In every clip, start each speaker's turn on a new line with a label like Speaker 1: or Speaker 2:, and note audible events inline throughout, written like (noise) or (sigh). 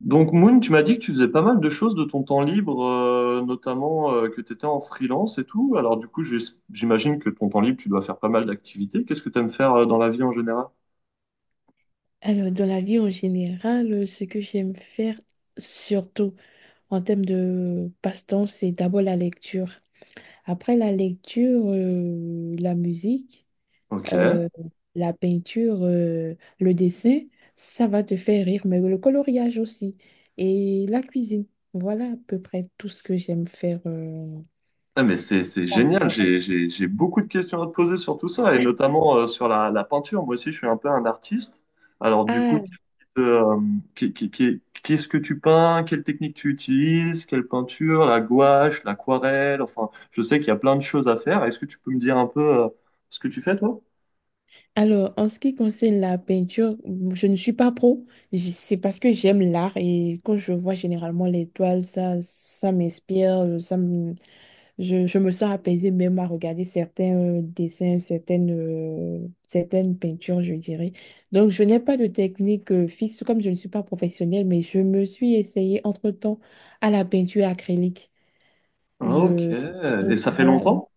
Speaker 1: Donc, Moon, tu m'as dit que tu faisais pas mal de choses de ton temps libre, notamment que tu étais en freelance et tout. Alors, du coup, j'imagine que ton temps libre, tu dois faire pas mal d'activités. Qu'est-ce que tu aimes faire dans la vie en général?
Speaker 2: Alors, dans la vie en général, ce que j'aime faire, surtout en termes de passe-temps, c'est d'abord la lecture. Après la lecture, la musique,
Speaker 1: Ok.
Speaker 2: euh, la peinture, le dessin, ça va te faire rire, mais le coloriage aussi. Et la cuisine. Voilà à peu près tout ce que j'aime faire.
Speaker 1: Ah, mais c'est génial, j'ai beaucoup de questions à te poser sur tout ça, et notamment sur la peinture. Moi aussi, je suis un peu un artiste. Alors du coup,
Speaker 2: Ah.
Speaker 1: euh, qu'est-ce que tu peins? Quelle technique tu utilises? Quelle peinture? La gouache, l'aquarelle? Enfin, je sais qu'il y a plein de choses à faire. Est-ce que tu peux me dire un peu ce que tu fais, toi?
Speaker 2: Alors, en ce qui concerne la peinture, je ne suis pas pro. C'est parce que j'aime l'art et quand je vois généralement les toiles, ça m'inspire, je me sens apaisée même à regarder certains dessins, certaines peintures, je dirais. Donc, je n'ai pas de technique fixe comme je ne suis pas professionnelle, mais je me suis essayée entre-temps à la peinture acrylique.
Speaker 1: Ah, ok.
Speaker 2: Je,
Speaker 1: Et
Speaker 2: donc,
Speaker 1: ça fait
Speaker 2: voilà,
Speaker 1: longtemps?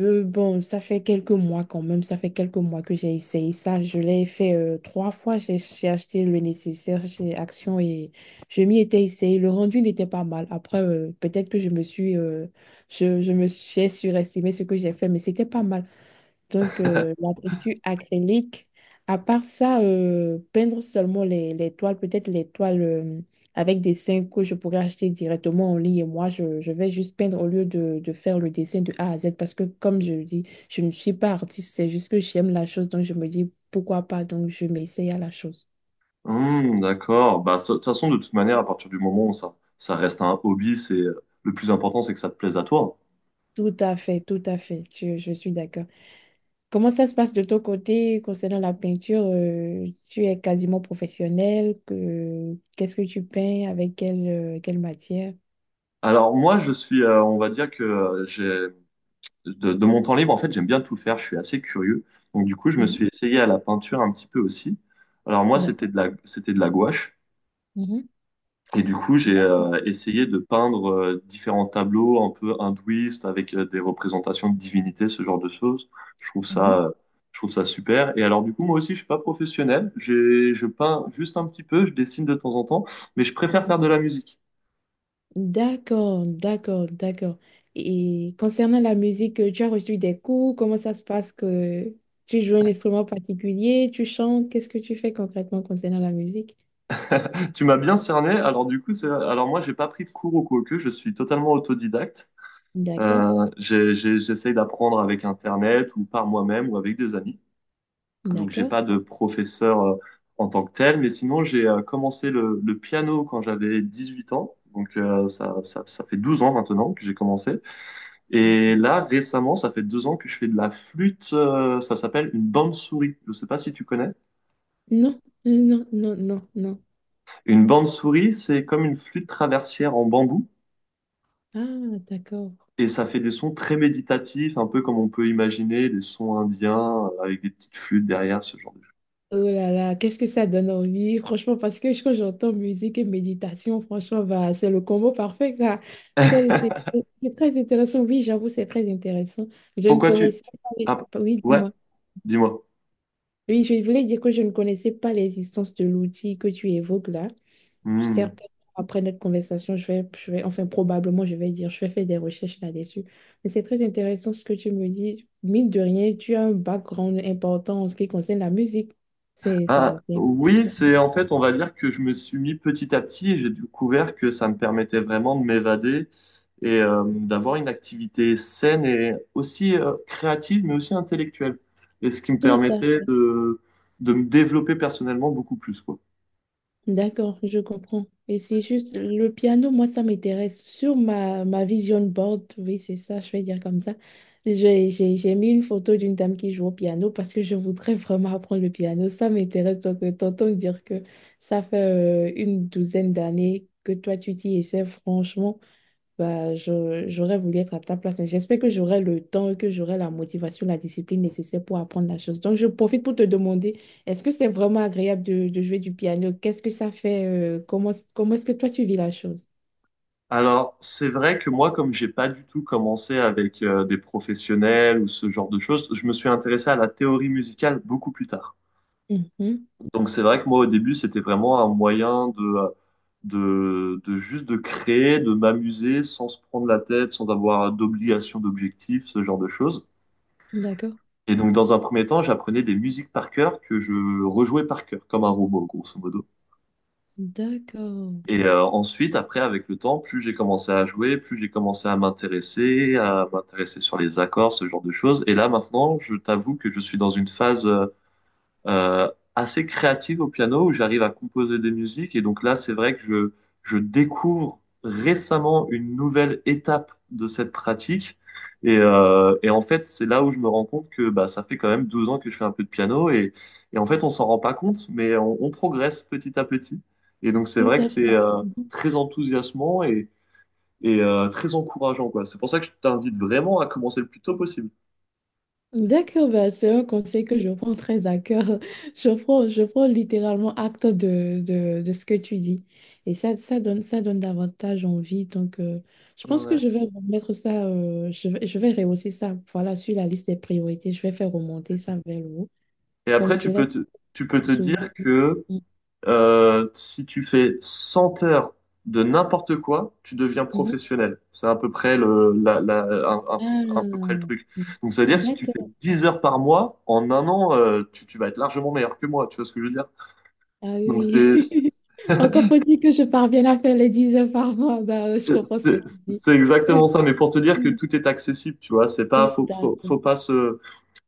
Speaker 2: bon, ça fait quelques mois quand même, ça fait quelques mois que j'ai essayé ça. Je l'ai fait trois fois, j'ai acheté le nécessaire chez Action et je m'y étais essayé. Le rendu n'était pas mal. Après, peut-être que je me suis j'ai surestimé ce que j'ai fait, mais c'était pas mal. Donc, la peinture acrylique, à part ça, peindre seulement les toiles, peut-être les toiles avec des dessins que je pourrais acheter directement en ligne et moi, je vais juste peindre au lieu de faire le dessin de A à Z parce que, comme je le dis, je ne suis pas artiste, c'est juste que j'aime la chose, donc je me dis pourquoi pas, donc je m'essaye à la chose.
Speaker 1: Hmm, d'accord. Bah, de toute façon, de toute manière, à partir du moment où ça reste un hobby, c'est le plus important, c'est que ça te plaise à toi.
Speaker 2: Tout à fait, je suis d'accord. Comment ça se passe de ton côté concernant la peinture? Tu es quasiment professionnel. Qu'est-ce que tu peins? Avec quelle matière?
Speaker 1: Alors moi, je suis, on va dire que j'ai de mon temps libre, en fait, j'aime bien tout faire. Je suis assez curieux. Donc du coup, je me suis
Speaker 2: Mhm.
Speaker 1: essayé à la peinture un petit peu aussi. Alors moi,
Speaker 2: D'accord.
Speaker 1: c'était de la gouache.
Speaker 2: Mhm.
Speaker 1: Et du coup, j'ai
Speaker 2: D'accord.
Speaker 1: essayé de peindre différents tableaux un peu hindouistes avec des représentations de divinités, ce genre de choses. Je trouve
Speaker 2: Mhm.
Speaker 1: ça, euh, je trouve ça super. Et alors du coup, moi aussi, je suis pas professionnel. Je peins juste un petit peu, je dessine de temps en temps, mais je préfère faire de la musique.
Speaker 2: D'accord, d'accord, d'accord. Et concernant la musique, tu as reçu des cours? Comment ça se passe que tu joues un instrument particulier? Tu chantes? Qu'est-ce que tu fais concrètement concernant la musique?
Speaker 1: Tu m'as bien cerné. Alors du coup, alors moi, j'ai pas pris de cours au Koku. Je suis totalement autodidacte.
Speaker 2: D'accord,
Speaker 1: J'essaye d'apprendre avec Internet ou par moi-même ou avec des amis. Donc j'ai
Speaker 2: d'accord.
Speaker 1: pas de professeur en tant que tel, mais sinon j'ai commencé le piano quand j'avais 18 ans. Donc ça fait 12 ans maintenant que j'ai commencé. Et
Speaker 2: Tu-
Speaker 1: là, récemment, ça fait deux ans que je fais de la flûte. Ça s'appelle une bande-souris. Je sais pas si tu connais.
Speaker 2: Non, non, non, non, non.
Speaker 1: Une bande-souris, c'est comme une flûte traversière en bambou.
Speaker 2: Ah, d'accord.
Speaker 1: Et ça fait des sons très méditatifs, un peu comme on peut imaginer des sons indiens avec des petites flûtes derrière, ce genre de choses.
Speaker 2: Oh là là, qu'est-ce que ça donne envie, franchement, parce que quand j'entends musique et méditation, franchement, bah, c'est le combo parfait, quoi. Ça,
Speaker 1: (laughs)
Speaker 2: c'est très intéressant, oui, j'avoue, c'est très intéressant. Je ne
Speaker 1: Pourquoi tu...
Speaker 2: connaissais pas,
Speaker 1: Ah,
Speaker 2: oui,
Speaker 1: ouais,
Speaker 2: dis-moi.
Speaker 1: dis-moi.
Speaker 2: Oui, je voulais dire que je ne connaissais pas l'existence de l'outil que tu évoques là.
Speaker 1: Hmm.
Speaker 2: Certainement, après notre conversation, je vais, enfin, probablement, je vais dire, je vais faire des recherches là-dessus. Mais c'est très intéressant ce que tu me dis. Mine de rien, tu as un background important en ce qui concerne la musique.
Speaker 1: Ah,
Speaker 2: C'est
Speaker 1: oui, c'est en fait, on va dire que je me suis mis petit à petit et j'ai découvert que ça me permettait vraiment de m'évader et d'avoir une activité saine et aussi créative, mais aussi intellectuelle. Et ce qui me
Speaker 2: Tout à
Speaker 1: permettait
Speaker 2: fait.
Speaker 1: de me développer personnellement beaucoup plus, quoi.
Speaker 2: D'accord, je comprends. Et c'est juste le piano, moi, ça m'intéresse. Sur ma vision board, oui, c'est ça, je vais dire comme ça. J'ai mis une photo d'une dame qui joue au piano parce que je voudrais vraiment apprendre le piano. Ça m'intéresse. Donc, t'entends dire que ça fait une douzaine d'années que toi, tu t'y essaies, franchement. Bah, j'aurais voulu être à ta place. Et j'espère que j'aurai le temps et que j'aurai la motivation, la discipline nécessaire pour apprendre la chose. Donc, je profite pour te demander, est-ce que c'est vraiment agréable de jouer du piano? Qu'est-ce que ça fait? Comment est-ce que toi, tu vis la chose?
Speaker 1: Alors, c'est vrai que moi, comme j'ai pas du tout commencé avec des professionnels ou ce genre de choses, je me suis intéressé à la théorie musicale beaucoup plus tard.
Speaker 2: Mhm.
Speaker 1: Donc, c'est vrai que moi, au début, c'était vraiment un moyen de juste de créer, de m'amuser sans se prendre la tête, sans avoir d'obligation, d'objectif, ce genre de choses.
Speaker 2: D'accord.
Speaker 1: Et donc, dans un premier temps, j'apprenais des musiques par cœur que je rejouais par cœur, comme un robot, grosso modo.
Speaker 2: D'accord.
Speaker 1: Et ensuite, après, avec le temps, plus j'ai commencé à jouer, plus j'ai commencé à m'intéresser sur les accords, ce genre de choses. Et là, maintenant, je t'avoue que je suis dans une phase euh, assez créative au piano où j'arrive à composer des musiques. Et donc là, c'est vrai que je découvre récemment une nouvelle étape de cette pratique. Et en fait, c'est là où je me rends compte que bah, ça fait quand même 12 ans que je fais un peu de piano et en fait, on s'en rend pas compte, mais on progresse petit à petit. Et donc, c'est
Speaker 2: Tout
Speaker 1: vrai que
Speaker 2: à
Speaker 1: c'est
Speaker 2: fait.
Speaker 1: euh, très enthousiasmant et très encourageant, quoi. C'est pour ça que je t'invite vraiment à commencer le plus tôt possible.
Speaker 2: D'accord, bah, c'est un conseil que je prends très à cœur. (laughs) Je prends littéralement acte de ce que tu dis. Et ça, ça donne davantage envie. Donc, je pense que
Speaker 1: Ouais.
Speaker 2: je vais mettre ça, je vais rehausser ça. Voilà, sur la liste des priorités, je vais faire remonter ça vers le haut,
Speaker 1: Et
Speaker 2: comme
Speaker 1: après,
Speaker 2: cela
Speaker 1: tu peux te
Speaker 2: souvent.
Speaker 1: dire que
Speaker 2: Mm,
Speaker 1: Si tu fais 100 heures de n'importe quoi, tu deviens
Speaker 2: mhm.
Speaker 1: professionnel. C'est à peu près un, un peu près le
Speaker 2: Ah,
Speaker 1: truc. Donc, ça veut dire si tu fais
Speaker 2: d'accord.
Speaker 1: 10 heures par mois, en un an, tu vas être largement meilleur que moi. Tu vois ce que je veux dire?
Speaker 2: Ah
Speaker 1: Donc,
Speaker 2: oui. (laughs) Encore faut-il que je parvienne à faire les 10 heures par mois. Bah, je comprends ce que
Speaker 1: c'est
Speaker 2: tu dis.
Speaker 1: c'est exactement ça, mais pour te
Speaker 2: (laughs)
Speaker 1: dire que
Speaker 2: Tout
Speaker 1: tout est accessible, tu vois, c'est pas, faut,
Speaker 2: à
Speaker 1: faut,
Speaker 2: fait.
Speaker 1: faut pas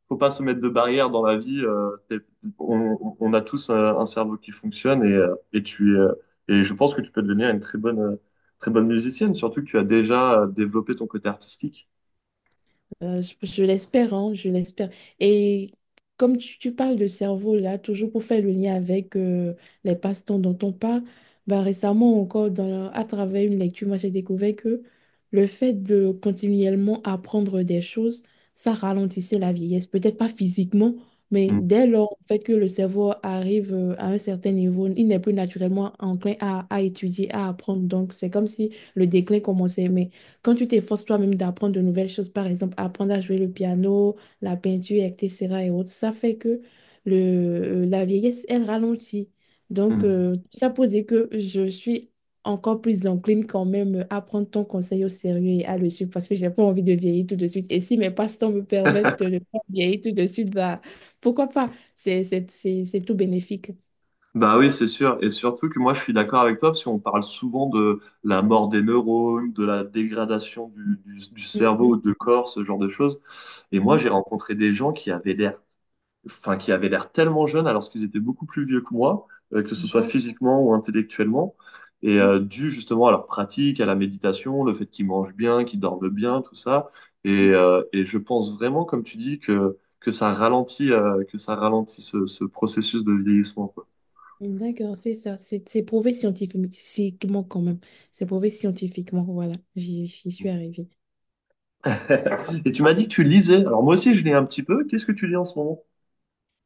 Speaker 1: faut pas se mettre de barrière dans la vie. On on, a tous un cerveau qui fonctionne et je pense que tu peux devenir une très bonne musicienne, surtout que tu as déjà développé ton côté artistique.
Speaker 2: Je l'espère, hein, je l'espère. Et comme tu parles de cerveau, là, toujours pour faire le lien avec les passe-temps dont on parle, bah, récemment encore, à travers une lecture, moi, j'ai découvert que le fait de continuellement apprendre des choses, ça ralentissait la vieillesse. Peut-être pas physiquement, mais
Speaker 1: Mm.
Speaker 2: dès lors en fait, que le cerveau arrive à un certain niveau, il n'est plus naturellement enclin à étudier, à apprendre. Donc, c'est comme si le déclin commençait. Mais quand tu t'efforces toi-même d'apprendre de nouvelles choses, par exemple, apprendre à jouer le piano, la peinture, etc. et autres, ça fait que la vieillesse, elle ralentit. Donc,
Speaker 1: Mm.
Speaker 2: ça posait que je suis encore plus encline quand même à prendre ton conseil au sérieux et à le suivre parce que j'ai pas envie de vieillir tout de suite. Et si mes passe-temps me permettent de
Speaker 1: (laughs)
Speaker 2: ne pas vieillir tout de suite, bah, pourquoi pas? C'est tout bénéfique.
Speaker 1: Bah oui, c'est sûr. Et surtout que moi, je suis d'accord avec toi, parce qu'on parle souvent de la mort des neurones, de la dégradation du cerveau,
Speaker 2: Mhm,
Speaker 1: de corps, ce genre de choses. Et moi, j'ai
Speaker 2: mhm.
Speaker 1: rencontré des gens qui avaient l'air tellement jeunes alors qu'ils étaient beaucoup plus vieux que moi, que ce soit
Speaker 2: D'accord.
Speaker 1: physiquement ou intellectuellement. Et
Speaker 2: Mhm.
Speaker 1: dû justement à leur pratique, à la méditation, le fait qu'ils mangent bien, qu'ils dorment bien, tout ça. Et,
Speaker 2: Mhm.
Speaker 1: euh, et je pense vraiment, comme tu dis, que ça ralentit ce processus de vieillissement, quoi.
Speaker 2: D'accord, c'est ça. C'est prouvé scientifiquement quand même. C'est prouvé scientifiquement, voilà. J'y suis arrivée.
Speaker 1: (laughs) Et tu m'as dit que tu lisais. Alors moi aussi, je lis un petit peu. Qu'est-ce que tu lis en ce moment?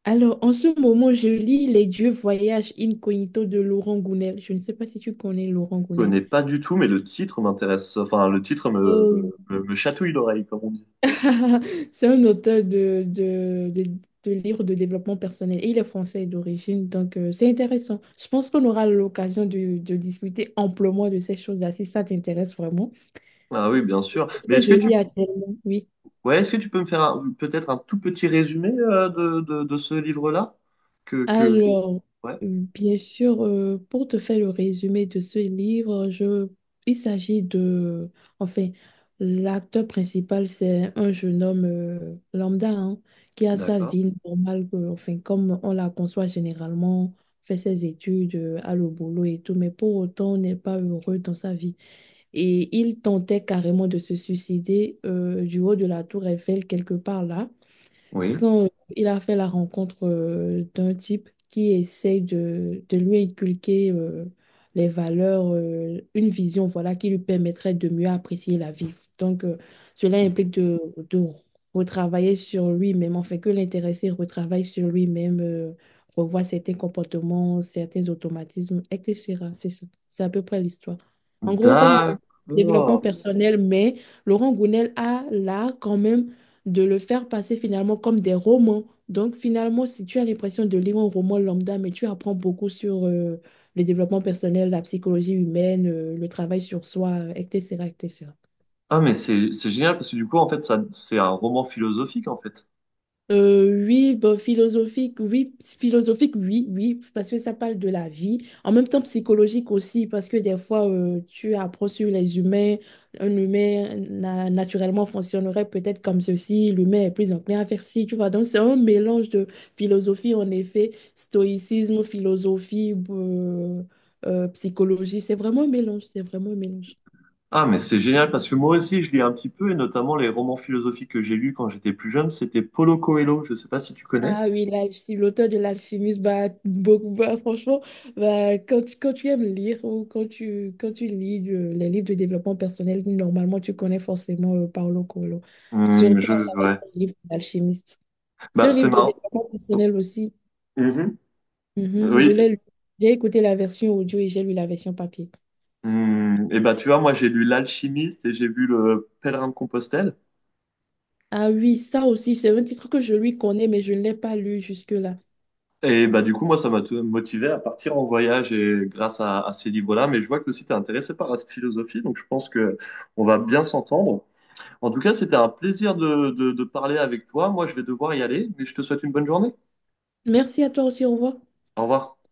Speaker 2: Alors, en ce moment, je lis Les Dieux voyagent incognito de Laurent Gounel. Je ne sais pas si tu connais Laurent
Speaker 1: Je
Speaker 2: Gounel.
Speaker 1: connais pas du tout, mais le titre m'intéresse. Enfin, le titre
Speaker 2: Oh oui.
Speaker 1: me chatouille l'oreille, comme on dit.
Speaker 2: (laughs) C'est un auteur de livres de développement personnel et il est français d'origine, donc c'est intéressant. Je pense qu'on aura l'occasion de discuter amplement de ces choses-là si ça t'intéresse vraiment.
Speaker 1: Ah oui, bien sûr.
Speaker 2: Parce
Speaker 1: Mais
Speaker 2: que
Speaker 1: est-ce
Speaker 2: je
Speaker 1: que tu
Speaker 2: lis actuellement, oui.
Speaker 1: ouais, est-ce que tu peux me faire peut-être un tout petit résumé de ce livre-là? Que...
Speaker 2: Alors,
Speaker 1: Ouais,
Speaker 2: bien sûr, pour te faire le résumé de ce livre, il s'agit de, enfin, l'acteur principal, c'est un jeune homme lambda, hein, qui a sa
Speaker 1: d'accord.
Speaker 2: vie normale, enfin, comme on la conçoit généralement, fait ses études, a le boulot et tout, mais pour autant, n'est pas heureux dans sa vie. Et il tentait carrément de se suicider du haut de la tour Eiffel, quelque part là
Speaker 1: Oui.
Speaker 2: quand il a fait la rencontre d'un type qui essaye de lui inculquer les valeurs, une vision, voilà, qui lui permettrait de mieux apprécier la vie. Donc, cela implique de retravailler sur lui-même, en fait, que l'intéressé retravaille sur lui-même, revoit certains comportements, certains automatismes, etc. C'est ça. C'est à peu près l'histoire. En gros, comme je disais, développement
Speaker 1: D'accord.
Speaker 2: personnel, mais Laurent Gounel a là quand même de le faire passer finalement comme des romans. Donc finalement, si tu as l'impression de lire un roman lambda, mais tu apprends beaucoup sur le développement personnel, la psychologie humaine, le travail sur soi, etc., etc.
Speaker 1: Ah, mais c'est génial parce que du coup, en fait, ça, c'est un roman philosophique, en fait.
Speaker 2: Oui, bah, philosophique, oui, oui, parce que ça parle de la vie. En même temps, psychologique aussi, parce que des fois, tu apprends sur les humains. Un humain naturellement fonctionnerait peut-être comme ceci. L'humain est plus enclin à faire ci, tu vois. Donc, c'est un mélange de philosophie, en effet, stoïcisme, philosophie, psychologie. C'est vraiment un mélange, c'est vraiment un mélange.
Speaker 1: Ah, mais c'est génial parce que moi aussi, je lis un petit peu, et notamment les romans philosophiques que j'ai lus quand j'étais plus jeune, c'était Paulo Coelho, je sais pas si tu connais.
Speaker 2: Ah oui, l'auteur de l'alchimiste, bah, beaucoup, bah, franchement, bah, quand tu aimes lire ou quand tu lis les livres de développement personnel, normalement, tu connais forcément Paulo Coelho,
Speaker 1: Hmm,
Speaker 2: surtout
Speaker 1: je,
Speaker 2: à travers
Speaker 1: ouais.
Speaker 2: son livre d'alchimiste. C'est
Speaker 1: Bah,
Speaker 2: un
Speaker 1: c'est
Speaker 2: livre de
Speaker 1: marrant.
Speaker 2: développement
Speaker 1: Oh.
Speaker 2: personnel aussi.
Speaker 1: Mhm.
Speaker 2: Mhm, je
Speaker 1: Oui.
Speaker 2: l'ai lu. J'ai écouté la version audio et j'ai lu la version papier.
Speaker 1: Hmm, et bah, tu vois, moi, j'ai lu L'Alchimiste et j'ai vu Le Pèlerin de Compostelle.
Speaker 2: Ah oui, ça aussi, c'est un titre que je lui connais, mais je ne l'ai pas lu jusque-là.
Speaker 1: Et bah du coup, moi, ça m'a motivé à partir en voyage et grâce à ces livres-là. Mais je vois que aussi tu es intéressé par cette philosophie, donc je pense que on va bien s'entendre. En tout cas, c'était un plaisir de de parler avec toi. Moi, je vais devoir y aller, mais je te souhaite une bonne journée.
Speaker 2: Merci à toi aussi, au revoir.
Speaker 1: Au revoir.